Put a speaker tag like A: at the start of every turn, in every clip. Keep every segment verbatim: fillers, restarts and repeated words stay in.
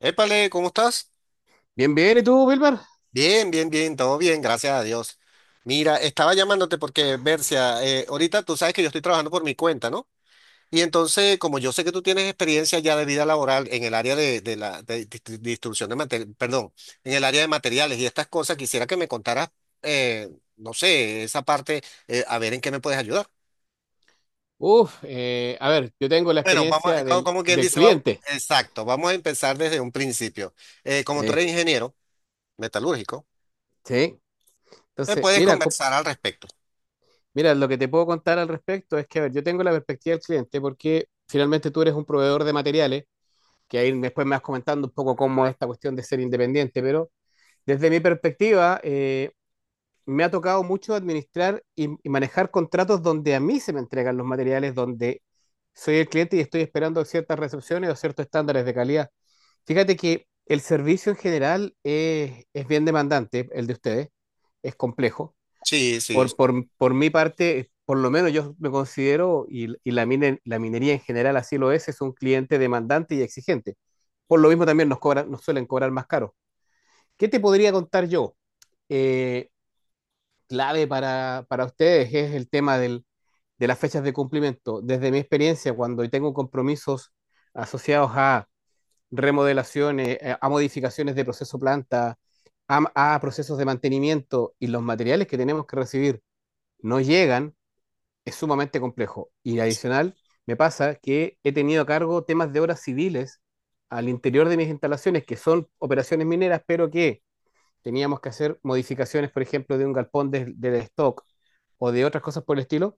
A: Épale, ¿cómo estás?
B: Bien, bien, ¿y tú, Wilmer?
A: Bien, bien, bien, todo bien, gracias a Dios. Mira, estaba llamándote porque, Bercia, eh, ahorita tú sabes que yo estoy trabajando por mi cuenta, ¿no? Y entonces, como yo sé que tú tienes experiencia ya de vida laboral en el área de, de la de distri- distribución de materiales, perdón, en el área de materiales y estas cosas, quisiera que me contaras, eh, no sé, esa parte, eh, a ver en qué me puedes ayudar.
B: Uf, eh, a ver, yo tengo la
A: Bueno, vamos, a-
B: experiencia
A: como,
B: del,
A: como quien
B: del
A: dice, vamos,
B: cliente.
A: exacto, vamos a empezar desde un principio. Eh, como tú
B: Sí,
A: eres ingeniero metalúrgico,
B: sí.
A: me
B: Entonces,
A: puedes
B: mira, co-
A: conversar al respecto.
B: mira, lo que te puedo contar al respecto es que, a ver, yo tengo la perspectiva del cliente porque finalmente tú eres un proveedor de materiales, que ahí después me vas comentando un poco cómo es esta cuestión de ser independiente, pero desde mi perspectiva, eh, me ha tocado mucho administrar y, y manejar contratos donde a mí se me entregan los materiales, donde soy el cliente y estoy esperando ciertas recepciones o ciertos estándares de calidad. Fíjate que el servicio en general es, es bien demandante, el de ustedes, es complejo.
A: Sí, sí,
B: Por,
A: sí.
B: por, por mi parte, por lo menos yo me considero, y, y la, mine- la minería en general así lo es, es un cliente demandante y exigente. Por lo mismo también nos cobran, nos suelen cobrar más caro. ¿Qué te podría contar yo? Eh, clave para, para ustedes es el tema del, de las fechas de cumplimiento. Desde mi experiencia, cuando tengo compromisos asociados a remodelaciones, eh, a modificaciones de proceso planta, a, a procesos de mantenimiento y los materiales que tenemos que recibir no llegan, es sumamente complejo. Y adicional, me pasa que he tenido a cargo temas de obras civiles al interior de mis instalaciones, que son operaciones mineras, pero que teníamos que hacer modificaciones, por ejemplo, de un galpón del de stock, o de otras cosas por el estilo,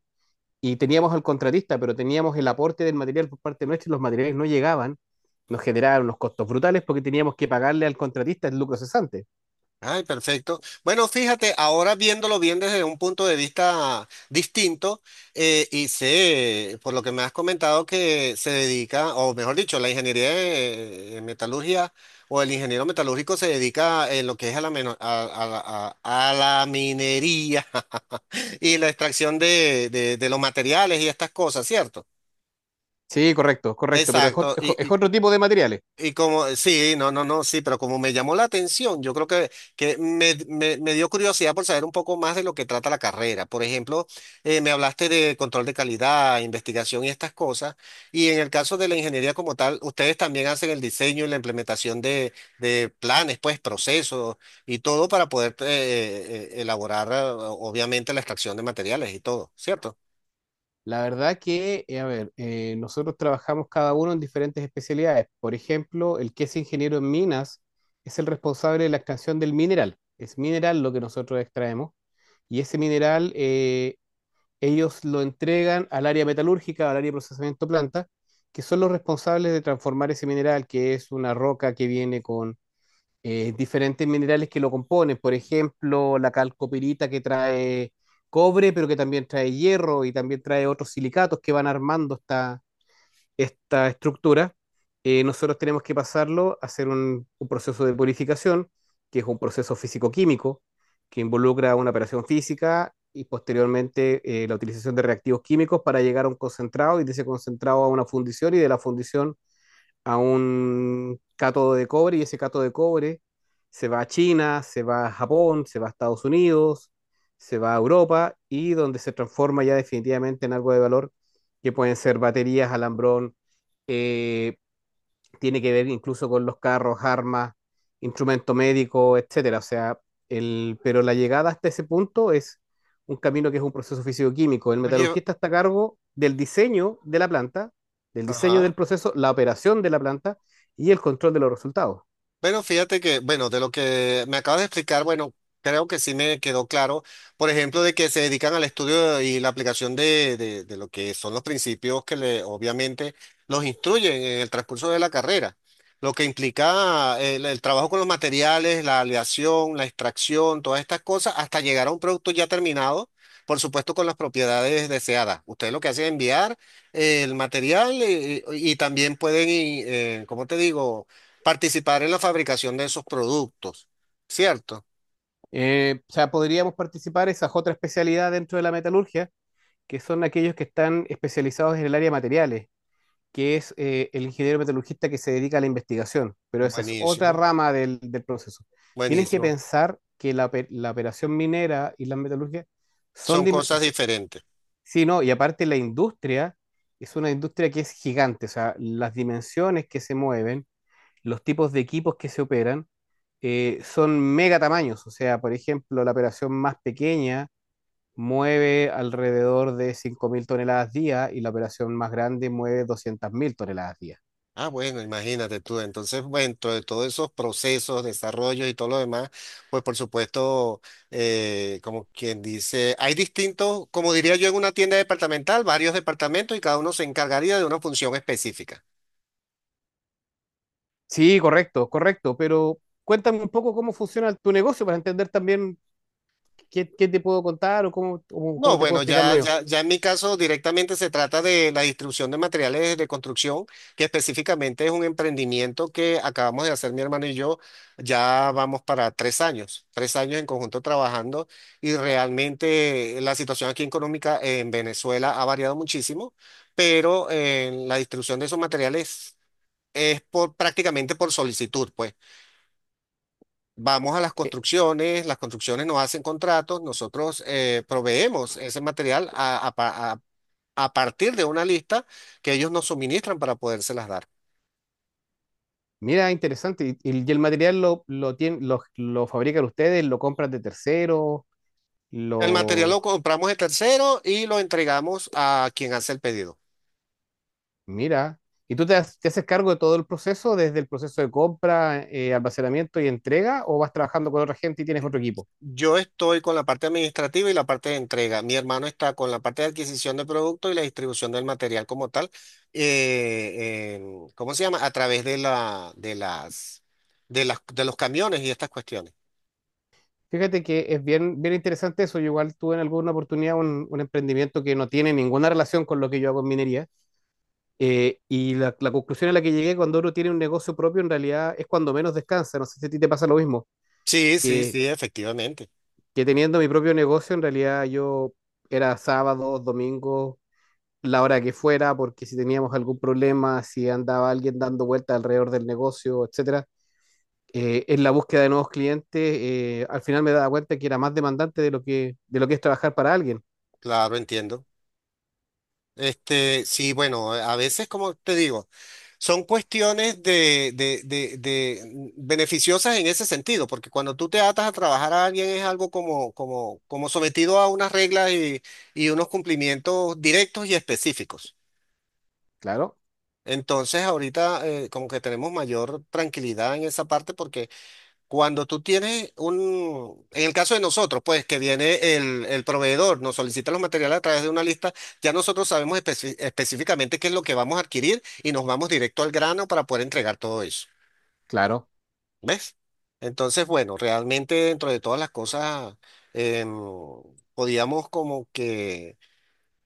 B: y teníamos al contratista, pero teníamos el aporte del material por parte nuestra y los materiales no llegaban, nos generaban unos costos brutales porque teníamos que pagarle al contratista el lucro cesante.
A: Ay, perfecto. Bueno, fíjate, ahora viéndolo bien desde un punto de vista distinto, eh, y sé, por lo que me has comentado, que se dedica, o mejor dicho, la ingeniería de, eh, metalurgia o el ingeniero metalúrgico se dedica en lo que es a la, meno- a, a la a- a la minería y la extracción de, de de los materiales y estas cosas, ¿cierto?
B: Sí, correcto, correcto, pero es, ot-
A: Exacto.
B: es o- es
A: Y,
B: otro tipo de materiales.
A: Y como, sí, no, no, no, sí, pero como me llamó la atención, yo creo que, que me, me- me dio curiosidad por saber un poco más de lo que trata la carrera. Por ejemplo, eh, me hablaste de control de calidad, investigación y estas cosas. Y en el caso de la ingeniería como tal, ustedes también hacen el diseño y la implementación de, de planes, pues, procesos y todo para poder eh, eh, elaborar, eh, obviamente, la extracción de materiales y todo, ¿cierto?
B: La verdad que, eh, a ver, eh, nosotros trabajamos cada uno en diferentes especialidades. Por ejemplo, el que es ingeniero en minas es el responsable de la extracción del mineral. Es mineral lo que nosotros extraemos y ese mineral eh, ellos lo entregan al área metalúrgica, al área de procesamiento planta, que son los responsables de transformar ese mineral, que es una roca que viene con eh, diferentes minerales que lo componen. Por ejemplo, la calcopirita que trae cobre, pero que también trae hierro y también trae otros silicatos que van armando esta, esta estructura, eh, nosotros tenemos que pasarlo a hacer un, un proceso de purificación, que es un proceso físico-químico, que involucra una operación física y posteriormente eh, la utilización de reactivos químicos para llegar a un concentrado y de ese concentrado a una fundición y de la fundición a un cátodo de cobre y ese cátodo de cobre se va a China, se va a Japón, se va a Estados Unidos, se va a Europa y donde se transforma ya definitivamente en algo de valor que pueden ser baterías, alambrón, eh, tiene que ver incluso con los carros, armas, instrumento médico, etcétera. O sea, el, pero la llegada hasta ese punto es un camino que es un proceso físico-químico. El
A: Oye,
B: metalurgista está a cargo del diseño de la planta, del diseño del
A: ajá.
B: proceso, la operación de la planta y el control de los resultados.
A: Bueno, fíjate que, bueno, de lo que me acabas de explicar, bueno, creo que sí me quedó claro, por ejemplo, de que se dedican al estudio y la aplicación de, de, de lo que son los principios que le, obviamente los instruyen en el transcurso de la carrera, lo que implica eh, el, el trabajo con los materiales, la aleación, la extracción, todas estas cosas, hasta llegar a un producto ya terminado, por supuesto, con las propiedades deseadas. Ustedes lo que hacen es enviar eh, el material eh, y, y también pueden, y, eh, ¿cómo te digo? Participar en la fabricación de esos productos, ¿cierto?
B: Eh, o sea, podríamos participar esas otras especialidades dentro de la metalurgia, que son aquellos que están especializados en el área de materiales, que es eh, el ingeniero metalurgista que se dedica a la investigación, pero esa es otra
A: Buenísimo,
B: rama del, del proceso. Tienes que
A: buenísimo.
B: pensar que la, la operación minera y la metalurgia son...
A: Son
B: dim- o
A: cosas
B: sea,
A: diferentes.
B: sí, no, y aparte la industria es una industria que es gigante, o sea, las dimensiones que se mueven, los tipos de equipos que se operan, eh, son mega tamaños, o sea, por ejemplo, la operación más pequeña mueve alrededor de cinco mil toneladas día y la operación más grande mueve doscientas mil toneladas día.
A: Ah, bueno, imagínate tú. Entonces, bueno, dentro de todos esos procesos, desarrollos y todo lo demás, pues por supuesto, eh, como quien dice, hay distintos, como diría yo en una tienda departamental, varios departamentos y cada uno se encargaría de una función específica.
B: Sí, correcto, correcto, pero cuéntame un poco cómo funciona tu negocio para entender también qué, qué te puedo contar o cómo, o
A: No,
B: cómo te puedo
A: bueno,
B: explicar lo
A: ya,
B: mío.
A: ya, ya en mi caso directamente se trata de la distribución de materiales de construcción, que específicamente es un emprendimiento que acabamos de hacer mi hermano y yo. Ya vamos para tres años, tres años en conjunto trabajando y realmente la situación aquí económica en Venezuela ha variado muchísimo, pero eh, la distribución de esos materiales es por, prácticamente por solicitud, pues. Vamos a las
B: Eh,
A: construcciones, las construcciones nos hacen contratos, nosotros eh, proveemos ese material a, a pa- a- a partir de una lista que ellos nos suministran para podérselas dar.
B: mira, interesante. Y, y el material lo, lo, tien- lo, lo fabrican ustedes, lo compran de terceros,
A: El material
B: lo...
A: lo compramos de tercero y lo entregamos a quien hace el pedido.
B: Mira. ¿Y tú te, has- te haces cargo de todo el proceso, desde el proceso de compra, eh, almacenamiento y entrega, o vas trabajando con otra gente y tienes otro equipo?
A: Yo estoy con la parte administrativa y la parte de entrega. Mi hermano está con la parte de adquisición de producto y la distribución del material como tal. Eh, en- ¿cómo se llama? A través de la, de las, de las, de los camiones y estas cuestiones.
B: Fíjate que es bien, bien interesante eso. Yo igual tuve en alguna oportunidad un, un emprendimiento que no tiene ninguna relación con lo que yo hago en minería. Eh, y la, la conclusión a la que llegué cuando uno tiene un negocio propio, en realidad es cuando menos descansa. No sé si a ti te pasa lo mismo,
A: Sí, sí,
B: que,
A: sí, efectivamente.
B: que teniendo mi propio negocio, en realidad yo era sábados, domingos, la hora que fuera, porque si teníamos algún problema, si andaba alguien dando vuelta alrededor del negocio, etcétera, eh, en la búsqueda de nuevos clientes, eh, al final me daba cuenta que era más demandante de lo que, de lo que es trabajar para alguien.
A: Claro, entiendo. Este, sí, bueno, a veces, como te digo, son cuestiones de, de, de, de mm, beneficiosas en ese sentido, porque cuando tú te atas a trabajar a alguien es algo como, como, como sometido a unas reglas y, y unos cumplimientos directos y específicos.
B: Claro,
A: Entonces, ahorita eh, como que tenemos mayor tranquilidad en esa parte porque cuando tú tienes un, en el caso de nosotros, pues que viene el, el proveedor, nos solicita los materiales a través de una lista, ya nosotros sabemos especi- específicamente qué es lo que vamos a adquirir y nos vamos directo al grano para poder entregar todo eso.
B: claro.
A: ¿Ves? Entonces, bueno, realmente dentro de todas las cosas, em, podíamos como que,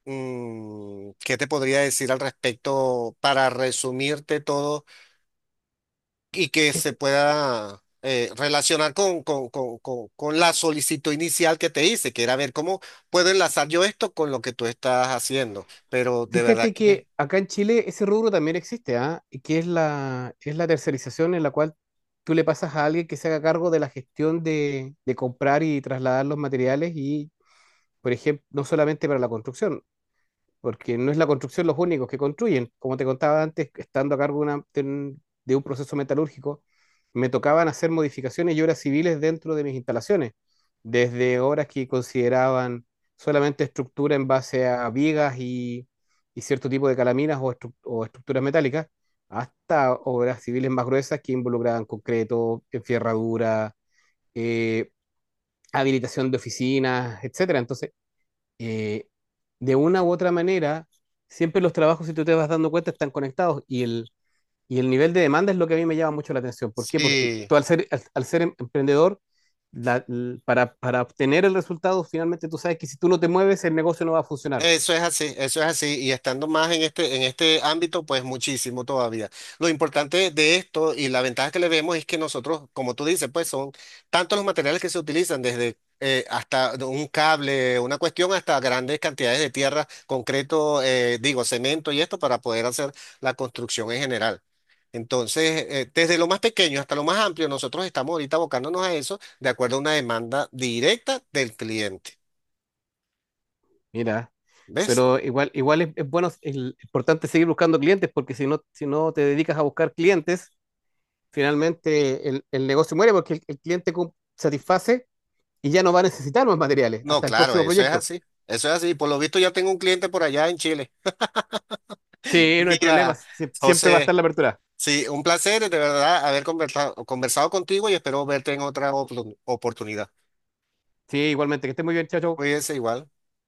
A: mm, ¿qué te podría decir al respecto para resumirte todo? Y que se pueda eh, relacionar con, con, con- con- con la solicitud inicial que te hice, que era ver cómo puedo enlazar yo esto con lo que tú estás haciendo. Pero de verdad
B: Fíjate
A: que
B: que acá en Chile ese rubro también existe, ¿ah? Y que es la, es la tercerización en la cual tú le pasas a alguien que se haga cargo de la gestión de, de comprar y trasladar los materiales y, por ejemplo, no solamente para la construcción porque no es la construcción los únicos que construyen. Como te contaba antes, estando a cargo de, una- de un de un proceso metalúrgico, me tocaban hacer modificaciones y obras civiles dentro de mis instalaciones, desde obras que consideraban solamente estructura en base a vigas y, y cierto tipo de calaminas o, estru- o estructuras metálicas, hasta obras civiles más gruesas que involucraban concreto, enferradura, eh, habilitación de oficinas, etcétera. Entonces, eh, de una u otra manera, siempre los trabajos, si tú te vas dando cuenta, están conectados y el, y el nivel de demanda es lo que a mí me llama mucho la atención. ¿Por qué? Porque
A: sí.
B: tú al ser, al, al ser em- emprendedor, la- l- para, para obtener el resultado, finalmente tú sabes que si tú no te mueves, el negocio no va a funcionar.
A: Eso es así, eso es así, y estando más en este, en este ámbito, pues muchísimo todavía. Lo importante de esto y la ventaja que le vemos es que nosotros, como tú dices, pues son tantos los materiales que se utilizan, desde eh, hasta un cable, una cuestión, hasta grandes cantidades de tierra, concreto, eh, digo, cemento y esto para poder hacer la construcción en general. Entonces, eh, desde lo más pequeño hasta lo más amplio, nosotros estamos ahorita abocándonos a eso de acuerdo a una demanda directa del cliente.
B: Mira,
A: ¿Ves?
B: pero igual, igual es, es bueno, es importante seguir buscando clientes, porque si no, si no te dedicas a buscar clientes, finalmente el, el negocio muere porque el, el cliente cum- satisface y ya no va a necesitar más materiales
A: No,
B: hasta el
A: claro,
B: próximo
A: eso es
B: proyecto.
A: así. Eso es así. Por lo visto ya tengo un cliente por allá en Chile.
B: Sí, no hay problema.
A: Mira,
B: Sie- Siempre va a estar
A: José,
B: la apertura.
A: sí, un placer de verdad haber conversado, conversado contigo y espero verte en otra opor- oportunidad.
B: Sí, igualmente. Que esté muy bien, chao, chao.
A: Cuídense igual.